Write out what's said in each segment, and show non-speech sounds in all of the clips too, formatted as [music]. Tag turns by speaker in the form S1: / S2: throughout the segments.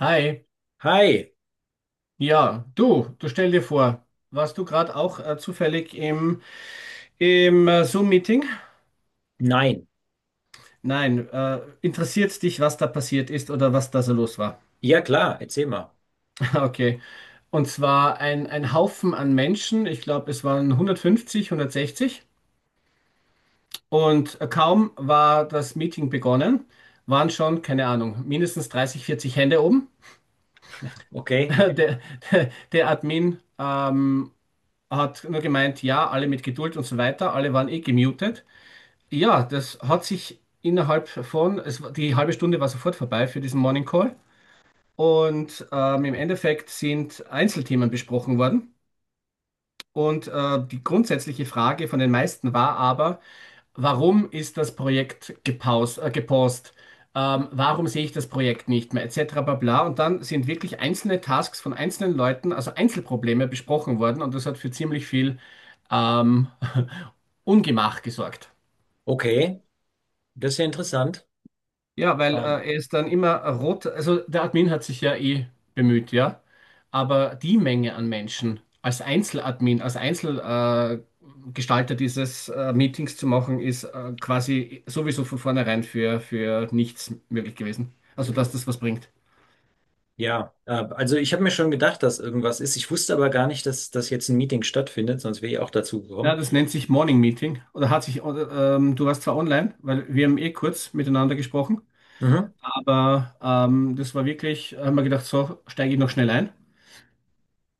S1: Hi,
S2: Hi,
S1: ja, du stell dir vor, warst du gerade auch zufällig im Zoom-Meeting?
S2: nein.
S1: Nein, interessiert dich, was da passiert ist oder was da so los war?
S2: Ja klar, erzähl mal.
S1: [laughs] Okay, und zwar ein Haufen an Menschen, ich glaube, es waren 150, 160, und kaum war das Meeting begonnen, waren schon, keine Ahnung, mindestens 30, 40 Hände oben. [laughs]
S2: Okay,
S1: Der, der Admin hat nur gemeint, ja, alle mit Geduld und so weiter, alle waren eh gemutet. Ja, das hat sich innerhalb von, es, war- die halbe Stunde war sofort vorbei für diesen Morning Call. Und im Endeffekt sind Einzelthemen besprochen worden. Und die grundsätzliche Frage von den meisten war aber: Warum ist das Projekt gepaust? Warum sehe ich das Projekt nicht mehr, etc. bla bla. Und dann sind wirklich einzelne Tasks von einzelnen Leuten, also Einzelprobleme besprochen worden. Und das hat für ziemlich viel ähm, [laughs] Ungemach gesorgt.
S2: okay, das ist ja interessant.
S1: Ja, weil
S2: Ähm,
S1: er ist dann immer rot. Also der Admin hat sich ja eh bemüht, ja. Aber die Menge an Menschen als Einzeladmin, als Einzelgestalter Gestalter dieses Meetings zu machen, ist quasi sowieso von vornherein für nichts möglich gewesen. Also, dass das was bringt.
S2: ja, also ich habe mir schon gedacht, dass irgendwas ist. Ich wusste aber gar nicht, dass das jetzt ein Meeting stattfindet, sonst wäre ich auch dazu
S1: Ja,
S2: gekommen.
S1: das nennt sich Morning Meeting. Oder hat sich, oder, Du warst zwar online, weil wir haben eh kurz miteinander gesprochen,
S2: Mhm,
S1: aber das war wirklich, haben wir gedacht, so steige ich noch schnell ein.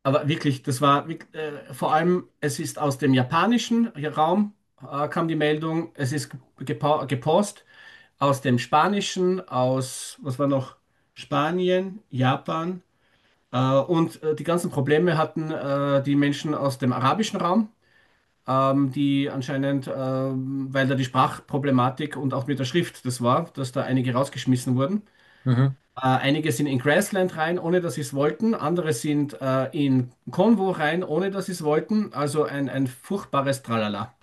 S1: Aber wirklich, vor allem, es ist aus dem japanischen Raum kam die Meldung, es ist gepost aus dem spanischen, was war noch, Spanien, Japan und die ganzen Probleme hatten die Menschen aus dem arabischen Raum, die anscheinend, weil da die Sprachproblematik und auch mit der Schrift das war, dass da einige rausgeschmissen wurden.
S2: mhm.
S1: Einige sind in Grassland rein, ohne dass sie es wollten. Andere sind in Konvo rein, ohne dass sie es wollten. Also ein furchtbares Tralala.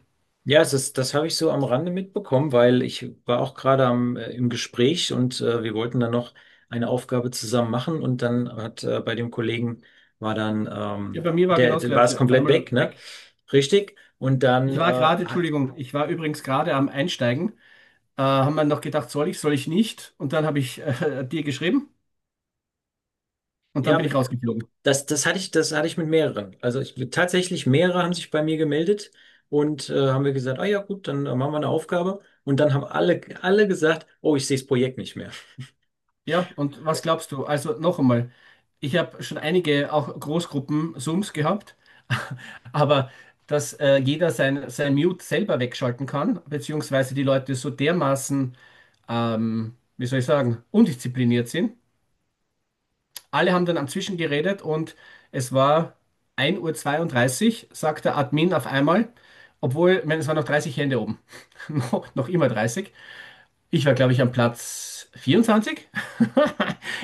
S2: Ja, es ist, das habe ich so am Rande mitbekommen, weil ich war auch gerade im Gespräch und wir wollten dann noch eine Aufgabe zusammen machen und dann hat bei dem Kollegen war dann,
S1: Ja,
S2: ähm,
S1: bei mir war genau
S2: der,
S1: das
S2: der war es
S1: Gleiche. Auf
S2: komplett
S1: einmal
S2: weg, ne?
S1: weg.
S2: Richtig. Und dann
S1: Ich war gerade,
S2: hat,
S1: Entschuldigung, ich war übrigens gerade am Einsteigen. Haben wir noch gedacht, soll ich nicht? Und dann habe ich [laughs] dir geschrieben, und dann
S2: ja,
S1: bin ich rausgeflogen.
S2: das hatte ich mit mehreren. Also ich, tatsächlich mehrere haben sich bei mir gemeldet und haben wir gesagt, ah ja gut, dann machen wir eine Aufgabe. Und dann haben alle gesagt, oh, ich sehe das Projekt nicht mehr.
S1: Ja, und was glaubst du? Also noch einmal, ich habe schon einige auch Großgruppen-Zooms gehabt, [laughs] aber dass jeder sein Mute selber wegschalten kann, beziehungsweise die Leute so dermaßen, wie soll ich sagen, undiszipliniert sind. Alle haben dann am Zwischen geredet, und es war ein Uhr zweiunddreißig, sagt der Admin auf einmal, obwohl, ich meine, es waren noch 30 Hände oben, [laughs] noch immer 30. Ich war, glaube ich, am Platz 24. [laughs]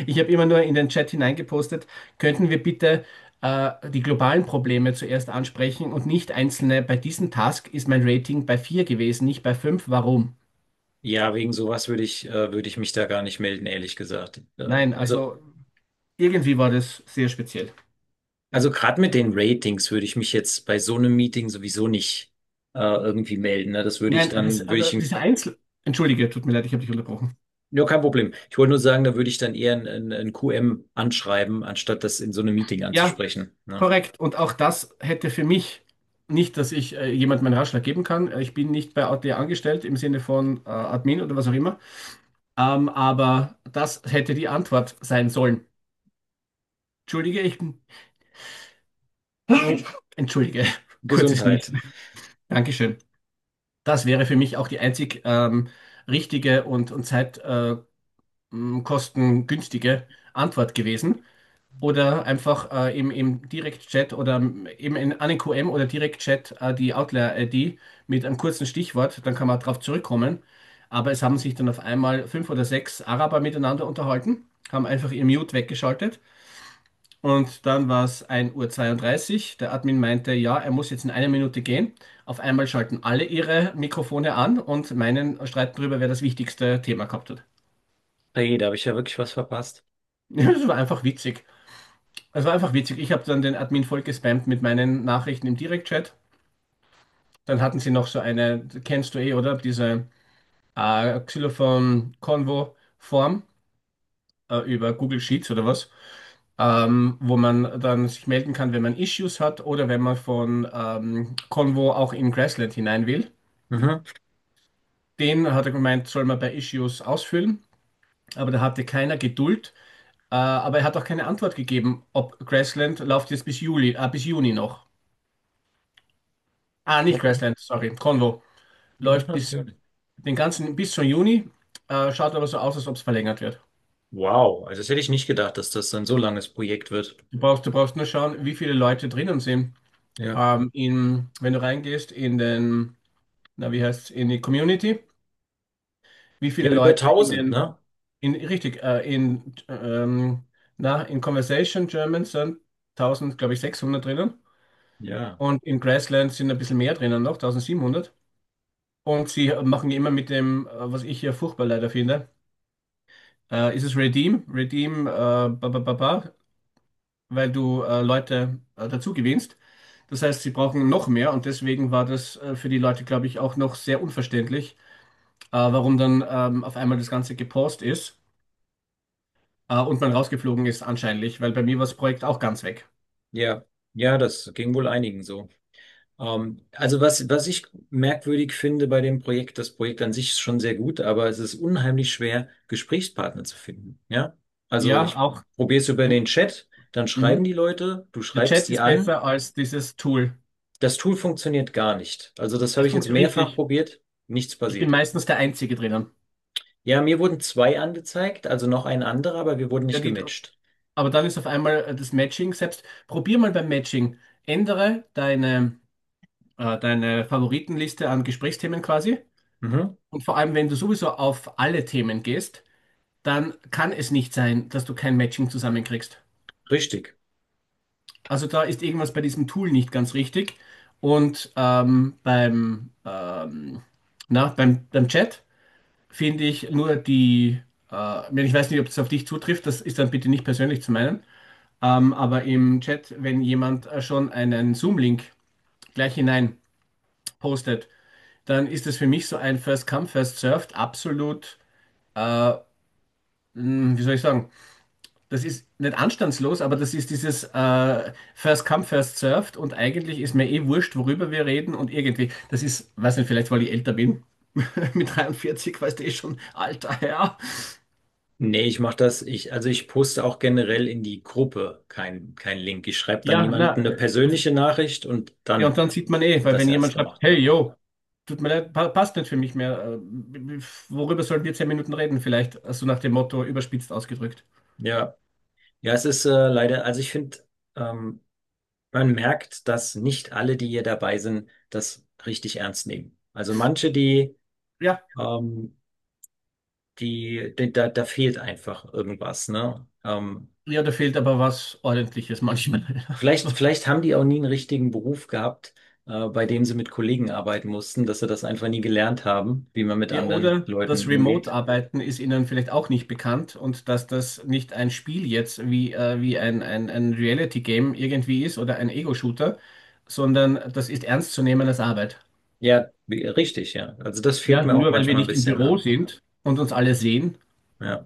S1: Ich habe immer nur in den Chat hineingepostet: Könnten wir bitte die globalen Probleme zuerst ansprechen und nicht einzelne? Bei diesem Task ist mein Rating bei 4 gewesen, nicht bei 5. Warum?
S2: Ja, wegen sowas würde ich mich da gar nicht melden, ehrlich gesagt.
S1: Nein, also irgendwie war das sehr speziell.
S2: Also gerade mit den Ratings würde ich mich jetzt bei so einem Meeting sowieso nicht irgendwie melden. Ne? Das würde ich
S1: Nein, das,
S2: dann, würde
S1: also
S2: ich, ein-
S1: diese Einzel... Entschuldige, tut mir leid, ich habe dich unterbrochen.
S2: Ja, kein Problem. Ich wollte nur sagen, da würde ich dann eher ein QM anschreiben, anstatt das in so einem Meeting
S1: Ja,
S2: anzusprechen. Ne?
S1: korrekt. Und auch das hätte für mich nicht, dass ich jemandem einen Ratschlag geben kann. Ich bin nicht bei AT angestellt im Sinne von Admin oder was auch immer. Aber das hätte die Antwort sein sollen. Entschuldige, ich bin. [laughs] Entschuldige, kurzes
S2: Gesundheit.
S1: Niesen. Dankeschön. Das wäre für mich auch die einzig richtige und zeitkostengünstige äh, Antwort gewesen. Oder einfach im Direktchat oder eben an den QM oder Direktchat die Outlier-ID mit einem kurzen Stichwort, dann kann man darauf zurückkommen. Aber es haben sich dann auf einmal fünf oder sechs Araber miteinander unterhalten, haben einfach ihr Mute weggeschaltet. Und dann war es ein Uhr zweiunddreißig. Der Admin meinte, ja, er muss jetzt in einer Minute gehen. Auf einmal schalten alle ihre Mikrofone an und meinen, streiten darüber, wer das wichtigste Thema gehabt hat. [laughs]
S2: Hey, da habe ich ja wirklich was verpasst.
S1: Das war einfach witzig. Es war einfach witzig. Ich habe dann den Admin voll gespammt mit meinen Nachrichten im Direktchat. Dann hatten sie noch so eine, kennst du eh, oder? Diese Xylophon-Konvo-Form über Google Sheets oder was. Wo man dann sich melden kann, wenn man Issues hat oder wenn man von Convo auch in Grassland hinein will.
S2: Mhm.
S1: Den hat er gemeint, soll man bei Issues ausfüllen, aber da hatte keiner Geduld. Aber er hat auch keine Antwort gegeben, ob Grassland läuft jetzt bis Juli, bis Juni noch. Ah, nicht
S2: Okay.
S1: Grassland, sorry, Convo. Läuft bis
S2: Löschnotation.
S1: den ganzen, bis zum Juni, schaut aber so aus, als ob es verlängert wird.
S2: Wow, also das hätte ich nicht gedacht, dass das so ein so langes Projekt wird.
S1: Du brauchst nur schauen, wie viele Leute drinnen sind.
S2: Ja.
S1: Wenn du reingehst in den, na, wie heißt in die Community, wie viele
S2: Ja, über
S1: Leute in
S2: 1000,
S1: den,
S2: ne?
S1: richtig, na, in Conversation German sind Tausend, glaube ich, 600 drinnen,
S2: Ja,
S1: und in Grassland sind ein bisschen mehr drinnen noch, 1700. Und sie machen immer mit dem, was ich hier furchtbar leider finde, ist es Redeem, Redeem, ba, ba, ba, ba, weil du Leute dazu gewinnst. Das heißt, sie brauchen noch mehr, und deswegen war das für die Leute, glaube ich, auch noch sehr unverständlich, warum dann auf einmal das Ganze gepaust ist. Und man rausgeflogen ist anscheinend, weil bei mir war das Projekt auch ganz weg.
S2: ja, ja, ja, das ging wohl einigen so. Also was ich merkwürdig finde bei dem Projekt, das Projekt an sich ist schon sehr gut, aber es ist unheimlich schwer, Gesprächspartner zu finden. Ja, also
S1: Ja,
S2: ich
S1: auch.
S2: probiere es über den Chat, dann schreiben
S1: Mhm.
S2: die Leute, du
S1: Der
S2: schreibst
S1: Chat
S2: die
S1: ist
S2: an.
S1: besser als dieses Tool.
S2: Das Tool funktioniert gar nicht. Also das habe
S1: Das
S2: ich jetzt
S1: funktioniert
S2: mehrfach
S1: richtig.
S2: probiert, nichts
S1: Ich bin
S2: passiert.
S1: meistens der Einzige drinnen.
S2: Ja, mir wurden zwei angezeigt, also noch ein anderer, aber wir wurden
S1: Ja,
S2: nicht gematcht.
S1: aber dann ist auf einmal das Matching selbst. Probier mal beim Matching. Ändere deine Favoritenliste an Gesprächsthemen quasi.
S2: Mhm,
S1: Und vor allem, wenn du sowieso auf alle Themen gehst, dann kann es nicht sein, dass du kein Matching zusammenkriegst.
S2: richtig.
S1: Also da ist irgendwas bei diesem Tool nicht ganz richtig. Und beim, na, beim Chat finde ich nur die, wenn ich weiß nicht, ob das auf dich zutrifft, das ist dann bitte nicht persönlich zu meinen, aber im Chat, wenn jemand schon einen Zoom-Link gleich hinein postet, dann ist das für mich so ein First Come, First Served, absolut, äh, wie soll ich sagen? Das ist nicht anstandslos, aber das ist dieses First Come, First Served, und eigentlich ist mir eh wurscht, worüber wir reden, und irgendwie, das ist, weiß nicht, vielleicht weil ich älter bin, [laughs] mit 43, weißt du eh schon, alter Herr.
S2: Nee, ich mache das, ich, also ich poste auch generell in die Gruppe kein Link. Ich schreibe dann
S1: Ja, na,
S2: jemandem eine persönliche Nachricht und
S1: ja, und
S2: dann
S1: dann sieht man eh,
S2: wird
S1: weil
S2: das
S1: wenn
S2: erst
S1: jemand schreibt:
S2: gemacht,
S1: Hey,
S2: ne?
S1: yo, tut mir leid, pa passt nicht für mich mehr, worüber sollen wir 10 Minuten reden vielleicht, so, also nach dem Motto, überspitzt ausgedrückt.
S2: Ja. Ja, es ist leider, also ich finde, ähm, man merkt, dass nicht alle, die hier dabei sind, das richtig ernst nehmen. Also manche,
S1: Ja,
S2: ähm, die, da da fehlt einfach irgendwas, ne?
S1: ja, da fehlt aber was Ordentliches manchmal.
S2: Vielleicht,
S1: [laughs]
S2: vielleicht haben die auch nie einen richtigen Beruf gehabt, bei dem sie mit Kollegen arbeiten mussten, dass sie das einfach nie gelernt haben, wie man mit
S1: Ja,
S2: anderen
S1: oder
S2: Leuten
S1: das
S2: umgeht.
S1: Remote-Arbeiten ist Ihnen vielleicht auch nicht bekannt, und dass das nicht ein Spiel jetzt wie, ein Reality-Game irgendwie ist oder ein Ego-Shooter, sondern das ist ernst zu nehmen als Arbeit.
S2: Ja, wie- richtig, ja. Also das fehlt
S1: Ja,
S2: mir auch
S1: nur weil wir
S2: manchmal ein
S1: nicht im
S2: bisschen,
S1: Büro
S2: ja.
S1: sind und uns alle sehen.
S2: Ja.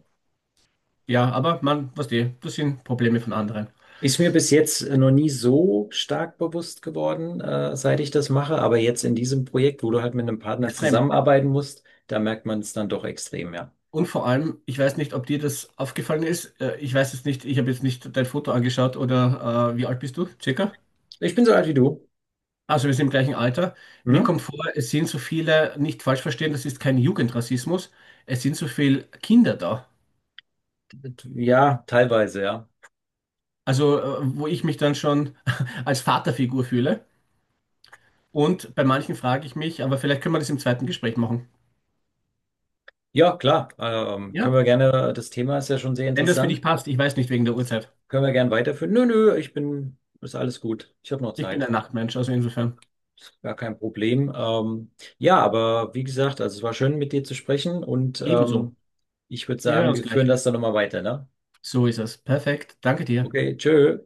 S1: Ja, das sind Probleme von anderen.
S2: Ist mir bis jetzt noch nie so stark bewusst geworden, seit ich das mache, aber jetzt in diesem Projekt, wo du halt mit einem Partner
S1: Extrem.
S2: zusammenarbeiten musst, da merkt man es dann doch extrem, ja.
S1: Und vor allem, ich weiß nicht, ob dir das aufgefallen ist. Ich weiß es nicht, ich habe jetzt nicht dein Foto angeschaut, oder wie alt bist du? Circa?
S2: Ich bin so alt wie du.
S1: Also wir sind im gleichen Alter. Mir
S2: Mhm.
S1: kommt vor, es sind so viele, nicht falsch verstehen, das ist kein Jugendrassismus, es sind so viele Kinder da.
S2: Ja, teilweise, ja.
S1: Also, wo ich mich dann schon [laughs] als Vaterfigur fühle. Und bei manchen frage ich mich, aber vielleicht können wir das im zweiten Gespräch machen.
S2: Ja, klar. Können
S1: Ja?
S2: wir gerne, das Thema ist ja schon sehr
S1: Wenn das für
S2: interessant.
S1: dich passt, ich weiß nicht wegen der Uhrzeit.
S2: Können wir gern weiterführen? Nö, nö, ich bin, ist alles gut. Ich habe noch
S1: Ich bin ein
S2: Zeit.
S1: Nachtmensch, also insofern
S2: Gar kein Problem. Ja, aber wie gesagt, also es war schön, mit dir zu sprechen und
S1: ebenso.
S2: ähm, ich würde
S1: Wir hören
S2: sagen,
S1: uns
S2: wir führen
S1: gleich.
S2: das dann nochmal weiter, ne?
S1: So ist es. Perfekt. Danke dir.
S2: Okay,
S1: Tschüss.
S2: tschö.